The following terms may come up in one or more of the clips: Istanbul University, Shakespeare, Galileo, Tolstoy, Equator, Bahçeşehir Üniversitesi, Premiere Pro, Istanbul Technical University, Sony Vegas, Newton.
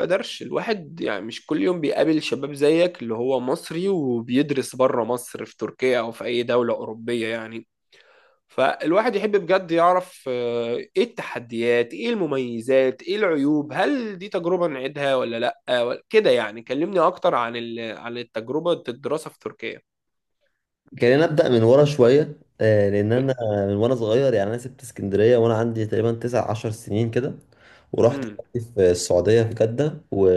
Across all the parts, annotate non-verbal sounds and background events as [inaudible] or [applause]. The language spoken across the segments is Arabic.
قدرش الواحد يعني مش كل يوم بيقابل شباب زيك اللي هو مصري وبيدرس بره مصر في تركيا أو في أي دولة أوروبية يعني. فالواحد يحب بجد يعرف إيه التحديات، إيه المميزات، إيه العيوب، هل دي تجربة نعيدها ولا لأ كده؟ يعني كلمني أكتر عن عن التجربة، الدراسة في تركيا. خلينا نبدأ من ورا شوية لأن أنا من وأنا صغير يعني أنا سبت اسكندرية وأنا عندي تقريبا 19 سنين كده، ورحت امم في السعودية في جدة. و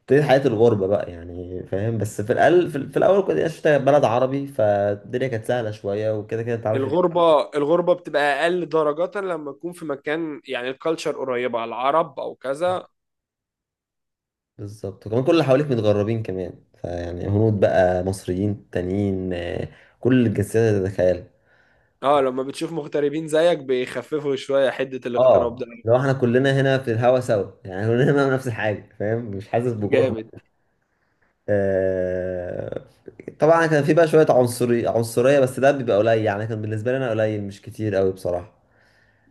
ابتديت حياة الغربة بقى يعني فاهم، بس في الأقل في الأول كنت عشت في بلد عربي، فالدنيا كانت سهلة شوية وكده كده أنت عارف. الغربة، الغربة بتبقى أقل درجة لما تكون في مكان يعني الكالتشر قريبة على العرب أو كذا. بالظبط، وكمان كل اللي حواليك متغربين كمان، فيعني هنود بقى، مصريين تانيين، كل الجنسيات اللي تتخيلها. اه، لما بتشوف مغتربين زيك بيخففوا شوية حدة الاغتراب اه، ده. لو احنا كلنا هنا في الهوا سوا يعني كلنا هنا نفس الحاجة فاهم، مش حاسس بجرم. جامد. آه، طبعا كان في بقى شوية عنصرية، بس ده بيبقى قليل يعني كان بالنسبة لي أنا قليل مش كتير أوي بصراحة.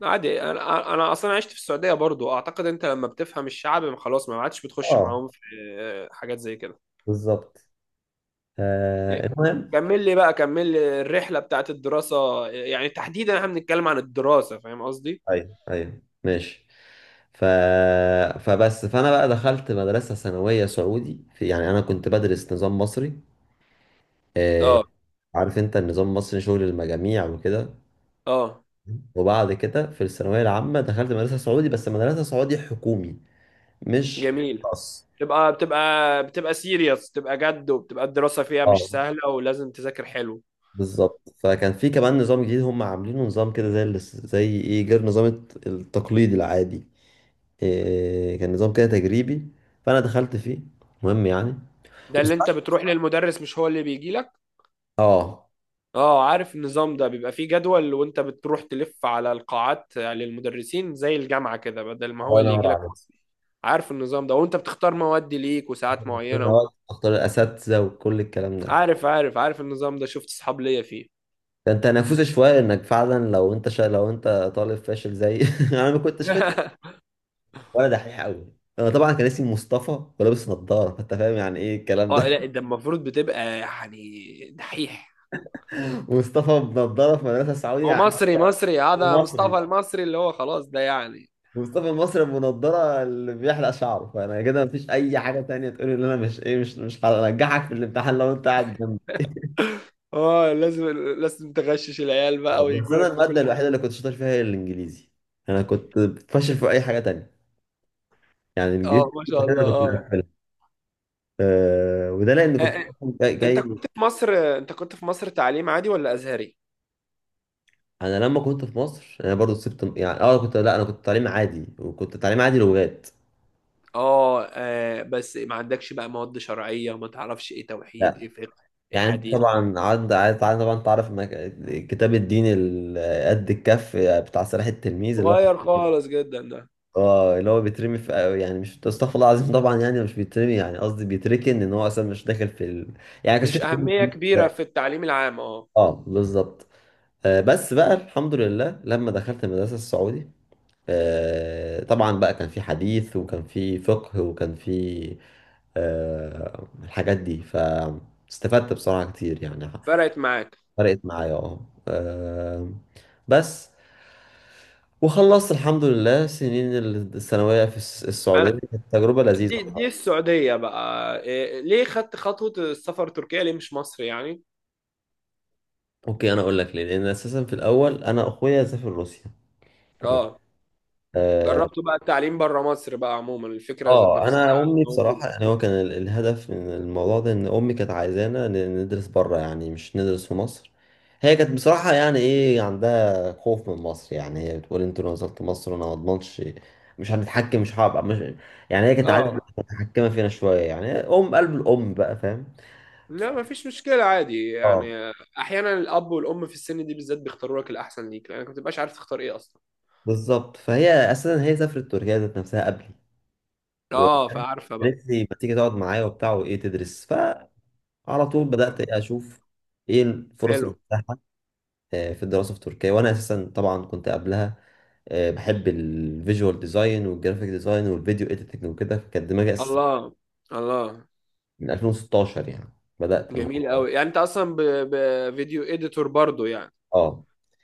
عادي، انا اصلا عشت في السعودية برضو، اعتقد انت لما بتفهم الشعب خلاص ما عادش بتخش اه معاهم في آه، حاجات زي كده. بالظبط. إيه، المهم. كمل لي بقى، كمل لي الرحلة بتاعت الدراسة، يعني تحديدا احنا بنتكلم عن الدراسة، فاهم قصدي؟ أيوه أيوه ماشي. ف... فبس فأنا بقى دخلت مدرسة ثانوية سعودي في، يعني أنا كنت بدرس نظام مصري، اه، عارف أنت النظام المصري شغل المجاميع وكده، اه، وبعد كده في الثانوية العامة دخلت مدرسة سعودي، بس مدرسة سعودي حكومي مش جميل. خاص. بتبقى سيريس، بتبقى جد، وبتبقى الدراسة فيها مش اه سهلة ولازم تذاكر حلو. بالظبط. فكان في كمان نظام جديد هم عاملينه، نظام كده زي ايه، غير نظام التقليدي العادي. إيه، كان نظام كده تجريبي، فانا دخلت فيه. مهم يعني. ده اللي انت وساعات- بتروح للمدرس مش هو اللي بيجي لك. اه، اه، عارف النظام ده، بيبقى فيه جدول وانت بتروح تلف على القاعات للمدرسين زي الجامعة كده، بدل ما هو الله اللي ينور يجي لك عليك. اصلا. عارف النظام ده، وانت بتختار مواد ليك وساعات إن معينة. هو تختار الاساتذه وكل الكلام ده. عارف النظام ده، شفت اصحاب ليا فيه. كان تنافسي شويه، انك فعلا لو انت لو انت طالب فاشل زي [laughs] انا ما كنتش فاشل [laughs] ولا دحيح قوي. انا طبعا كان اسمي مصطفى ولابس نظاره، فانت فاهم يعني ايه الكلام اه ده. لا، ده المفروض بتبقى يعني دحيح. [laughs] مصطفى بنظاره في مدرسه سعودي هو يعني. مصري مصري، هذا مصطفى مصري. المصري اللي هو خلاص ده يعني. مصطفى مصر بنضارة اللي بيحلق شعره، فانا كده مفيش اي حاجه تانية تقولي ان انا مش ايه، مش هنجحك في الامتحان لو انت قاعد جنبي. اه، لازم، لازم تغشش العيال بقى بس ويجوا انا لك في الماده كل الوحيده حاجة. اللي كنت شاطر فيها هي الانجليزي. انا كنت فاشل في اي حاجه تانية، يعني اه، الانجليزي ما شاء انا الله، كنت اه. مقفلها. أه، وده لان كنت جاي, انت جاي كنت في مصر، انت كنت في مصر تعليم عادي ولا ازهري؟ انا لما كنت في مصر انا برضو سبت، يعني اه كنت، لا انا كنت تعليم عادي، وكنت تعليم عادي لغات. اه آه، بس ما عندكش بقى مواد شرعية، ما تعرفش ايه توحيد، ايه لا. فقه، ايه يعني حديث. طبعا عاد طبعا، تعرف إنك الكتاب الديني قد الكف، بتاع صلاح التلميذ اللي هو، صغير خالص جدا ده. اه، اللي هو بيترمي في، يعني مش، استغفر الله العظيم، طبعا يعني مش بيترمي، يعني قصدي بيتركن، ان هو اصلا مش داخل في يعني كانش في مش تعليم أهمية دين. كبيرة في التعليم العام، اه. اه بالظبط. آه، بس بقى الحمد لله لما دخلت المدرسه السعودي، آه طبعا بقى كان في حديث، وكان في فقه، وكان في آه الحاجات دي، فاستفدت بصراحه كتير يعني. فرقت معاك. فرقت معايا اه. آه، بس، وخلصت الحمد لله سنين الثانويه في السعوديه، انا، كانت تجربه لذيذه. دي السعودية بقى، إيه ليه خدت خطوة السفر تركيا ليه مش مصر يعني؟ اوكي انا اقول لك ليه، لان اساسا في الاول انا اخويا سافر روسيا. تمام. اه، اه. جربت بقى التعليم بره مصر بقى، عموما الفكرة ذات نفسها. انا امي موجودة. بصراحه، يعني هو كان الهدف من الموضوع ده ان امي كانت عايزانا ندرس بره، يعني مش ندرس في مصر. هي كانت بصراحه يعني ايه، عندها خوف من مصر، يعني هي بتقول انتوا لو نزلت مصر انا ما اضمنش. مش هنتحكم، مش هبقى مش، يعني هي كانت عايزه اه متحكمه فينا شويه يعني، ام، قلب الام بقى فاهم. ف- لا، ما فيش مشكلة، عادي اه يعني. أحيانا الأب والأم في السن دي بالذات بيختاروا لك الأحسن ليك، لأنك ما بتبقاش عارف تختار إيه أصلا. بالظبط. فهي اساسا هي سافرت تركيا ذات نفسها قبلي، أه، فعارفة بقى. قالت لي ما تيجي تقعد معايا وبتاع وايه، تدرس. فعلى طول بدأت إيه اشوف ايه الفرص حلو. المتاحه في الدراسه في تركيا. وانا اساسا طبعا كنت قبلها، بحب الفيجوال ديزاين والجرافيك ديزاين والفيديو اديتنج وكده، فكانت دماغي اساسا الله، الله. من 2016 يعني، بدأت جميل الموضوع ده. أوي، يعني أنت أصلا بفيديو إديتور برضو يعني؟ اه،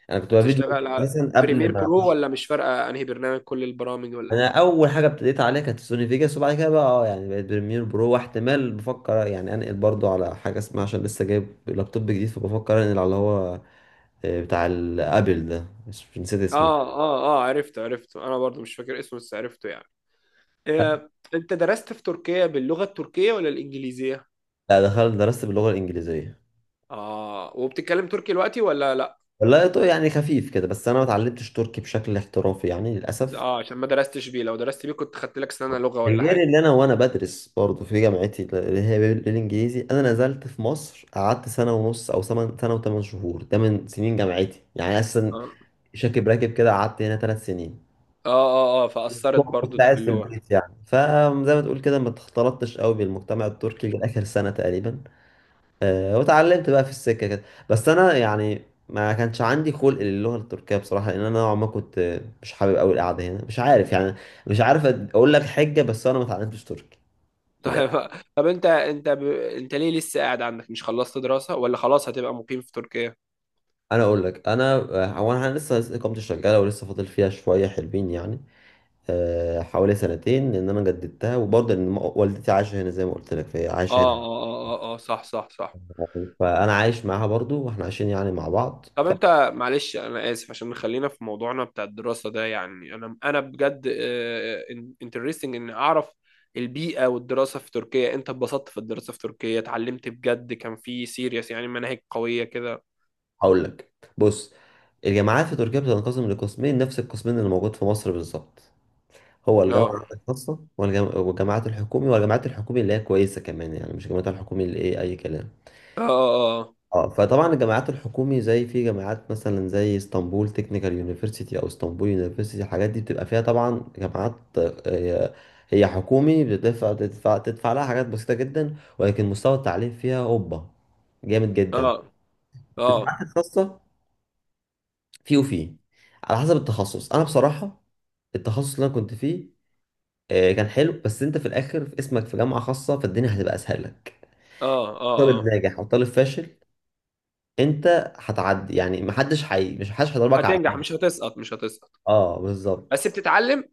انا كنت بقى فيديو. تشتغل على اساسا قبل بريمير ما برو اخش، ولا مش فارقة أنهي برنامج، كل البرامج ولا؟ انا اول حاجه ابتديت عليها كانت سوني فيجاس، وبعد كده بقى اه يعني بقيت بريمير برو، واحتمال بفكر يعني انقل برضو على حاجه اسمها، عشان لسه جايب لابتوب جديد، فبفكر انقل على اللي هو بتاع الابل ده، مش، نسيت اسمه. آه آه آه، عرفته عرفته، أنا برضو مش فاكر اسمه بس عرفته يعني. إيه، أنت درست في تركيا باللغة التركية ولا الإنجليزية؟ لا، دخلت درست باللغة الإنجليزية. آه، وبتتكلم تركي دلوقتي ولا لأ؟ والله يعني خفيف كده، بس أنا ما اتعلمتش تركي بشكل احترافي يعني للأسف. اه، عشان ما درستش بيه. لو درست بيه كنت خدت لك سنة لغة ولا غير حاجة. اللي أنا وأنا بدرس برضه في جامعتي اللي هي بالإنجليزي، أنا نزلت في مصر قعدت سنة ونص، أو سنة وثمان شهور، ده من سنين جامعتي يعني، أساسا اه شاكب راكب كده، قعدت هنا 3 سنين. اه اه، آه، فأثرت برضو كنت دي قاعد في في اللغة. البيت يعني، فزي ما تقول كده ما اختلطتش قوي بالمجتمع التركي لآخر سنة تقريبا. واتعلمت بقى في السكه كده. بس انا يعني ما كانش عندي خلق للغه التركيه بصراحه، لان انا نوعا ما كنت مش حابب قوي القعده هنا، مش عارف يعني، مش عارف اقول لك حجه، بس انا ما اتعلمتش تركي [laughs] من الآخر. طيب. طب انت، انت ليه لسه قاعد عندك، مش خلصت دراسة، ولا خلاص هتبقى مقيم في تركيا؟ انا اقول لك، انا هو انا لسه اقامتي شغاله، ولسه فاضل فيها شويه حلوين يعني، حوالي سنتين، لان انا جددتها، وبرضه ان والدتي عايشه هنا زي ما قلت لك، فهي اه عايشه هنا اه اه اه، آه صح صح صح. فانا عايش معاها برضه، واحنا عايشين يعني مع بعض. طب انت معلش، انا اسف، عشان خلينا في موضوعنا بتاع الدراسة ده، يعني انا بجد انترستنج ان اعرف البيئة والدراسة في تركيا. انت اتبسطت في الدراسة في تركيا؟ اتعلمت بجد؟ كان في سيريس يعني، مناهج قوية كده؟ هقول لك، بص، الجامعات في تركيا بتنقسم لقسمين، نفس القسمين اللي موجود في مصر بالظبط، هو اه الجامعة الخاصة والجامعات الحكومي. والجامعات الحكومي اللي هي كويسة كمان، يعني مش الجامعات الحكومي اللي ايه أي كلام. اه اه آه. اه، فطبعا الجامعات الحكومي زي، في جامعات مثلا زي اسطنبول تكنيكال يونيفرسيتي، او اسطنبول يونيفرسيتي، الحاجات دي بتبقى فيها طبعا جامعات، هي حكومي، بتدفع تدفع تدفع لها حاجات بسيطة جدا، ولكن مستوى التعليم فيها هوبا، جامد اه جدا. في اه الجامعات الخاصة، في على حسب التخصص، انا بصراحه التخصص اللي انا كنت فيه كان حلو، بس انت في الاخر في اسمك في جامعه خاصه، فالدنيا هتبقى اسهل لك. اه اه. طالب اه. ناجح او طالب فاشل، انت هتعدي يعني محدش حي مش محدش هيضربك على هتنجح، حد. مش هتسقط، مش هتسقط. اه بالظبط. بس بتتعلم.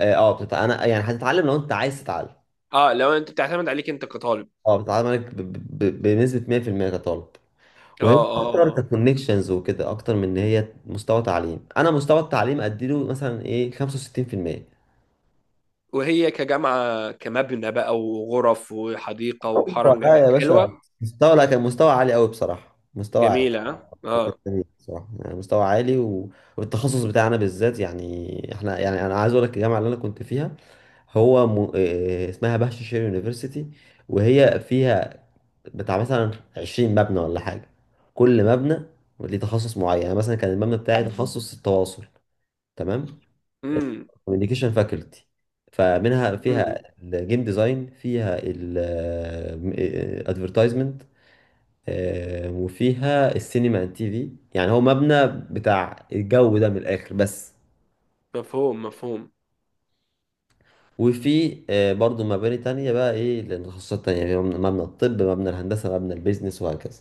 اه، انا يعني هتتعلم لو انت عايز تتعلم. اه، لو انت بتعتمد عليك انت كطالب. اه، بتتعلم عليك بنسبه 100% كطالب. اه وهي اه اكتر اه اه. ككونكشنز وكده، اكتر من ان هي مستوى تعليم، انا مستوى التعليم اديله مثلا ايه 65%. وهي كجامعة، كمبنى بقى وغرف وحديقة اوبا، وحرم لا جميل، يا باشا، حلوة؟ مستوى، لا كان مستوى عالي قوي بصراحه، مستوى عالي. جميلة؟ اه والله آه. جميل بصراحه يعني، مستوى عالي والتخصص بتاعنا بالذات يعني احنا، يعني انا عايز اقول لك الجامعه اللي انا كنت فيها، هو إيه اسمها، بهش شير يونيفرسيتي، وهي فيها بتاع مثلا 20 مبنى ولا حاجه. كل مبنى ليه تخصص معين، يعني مثلا كان المبنى بتاعي تخصص التواصل. تمام. امم، كوميونيكيشن فاكولتي، فمنها امم. فيها الجيم ديزاين، فيها الادفرتايزمنت، وفيها السينما اند تي في، يعني هو مبنى بتاع الجو ده من الاخر بس. مفهوم، مفهوم. وفي برضو مباني تانية بقى ايه للتخصصات تانية يعني، مبنى الطب، مبنى الهندسة، مبنى البيزنس، وهكذا.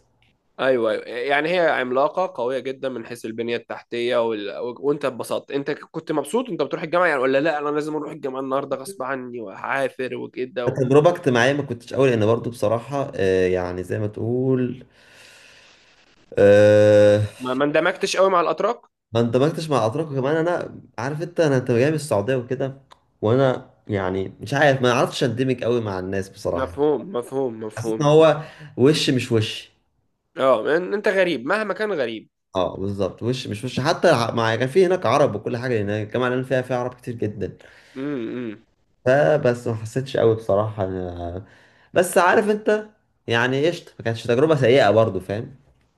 ايوه ايوه، يعني هي عملاقة قوية جدا من حيث البنية التحتية وانت اتبسطت؟ انت كنت مبسوط انت بتروح الجامعة يعني، ولا لا انا لازم اروح الجامعة النهاردة غصب عني وهعافر وكده و... تجربة اجتماعية ما كنتش قوي، لان برضو بصراحة يعني زي ما تقول، آه، ما اندمجتش قوي مع الاتراك. ما اندمجتش مع اتراك، وكمان انا عارف انت، انا انت جاي من السعوديه وكده، وانا يعني مش عارف ما عرفتش اندمج قوي مع الناس بصراحه. مفهوم مفهوم حسيت ان مفهوم. هو وش مش وش. اه، انت غريب مهما كان، غريب. اه بالظبط، وش مش وش، حتى مع، كان في هناك عرب وكل حاجه، هناك الجامعه اللي انا فيها فيها عرب كتير جدا، امم، إمم. فبس ما حسيتش قوي بصراحه بس عارف انت، يعني قشطه، ما كانتش تجربه سيئه برضو فاهم.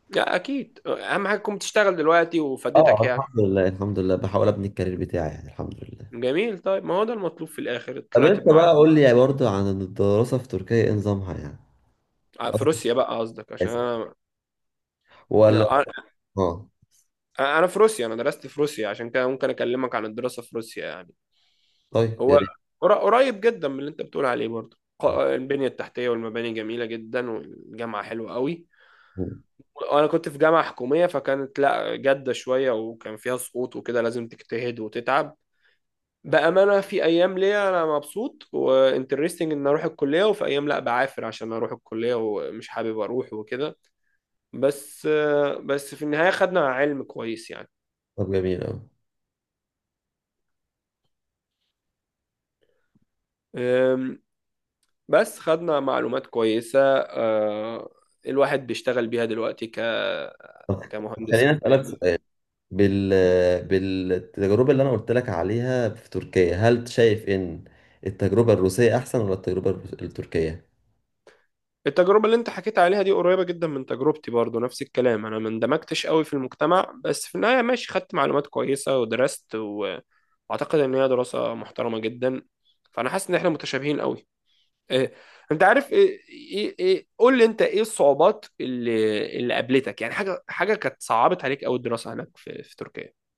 لا اكيد، اهم حاجه تكون بتشتغل دلوقتي اه وفادتك يعني. الحمد لله الحمد لله، بحاول ابني الكارير بتاعي يعني، الحمد لله. جميل، طيب ما هو ده المطلوب في الاخر، طب طلعت انت بقى بمعلم. قول لي برضو عن الدراسه في تركيا ايه نظامها يعني. آه، في روسيا بقى قصدك، عشان اسف. انا، ولا، انا، اه. أنا في روسيا، انا درست في روسيا عشان كده ممكن اكلمك عن الدراسه في روسيا يعني. طيب يا هو ريت. قريب جدا من اللي انت بتقول عليه برضه، البنيه التحتيه والمباني جميله جدا والجامعه حلوه قوي. وانا كنت في جامعة حكومية، فكانت لا جادة شوية وكان فيها سقوط وكده، لازم تجتهد وتتعب. بأمانة، في أيام ليا أنا مبسوط وانترستنج إن أروح الكلية، وفي أيام لا، بعافر عشان أروح الكلية ومش حابب أروح وكده. بس، بس في النهاية خدنا علم كويس يعني. طب جميل أوي. أم، بس خدنا معلومات كويسة أه، الواحد بيشتغل بيها دلوقتي طب كمهندس خليني أسألك يعني. سؤال، بال بالتجربة اللي أنا قلت لك عليها في تركيا، هل شايف إن التجربة الروسية أحسن، ولا التجربة التركية؟ التجربة اللي انت حكيت عليها دي قريبة جدا من تجربتي برضو، نفس الكلام، انا ما اندمجتش قوي في المجتمع، بس في النهاية ماشي، خدت معلومات كويسة ودرست و- واعتقد ان هي دراسة محترمة جدا. فانا حاسس ان احنا متشابهين قوي. إيه. انت عارف ايه، ايه، ايه قول لي انت، ايه الصعوبات اللي اللي قابلتك يعني، حاجة حاجة كانت صعبت عليك قوي الدراسة هناك في في تركيا؟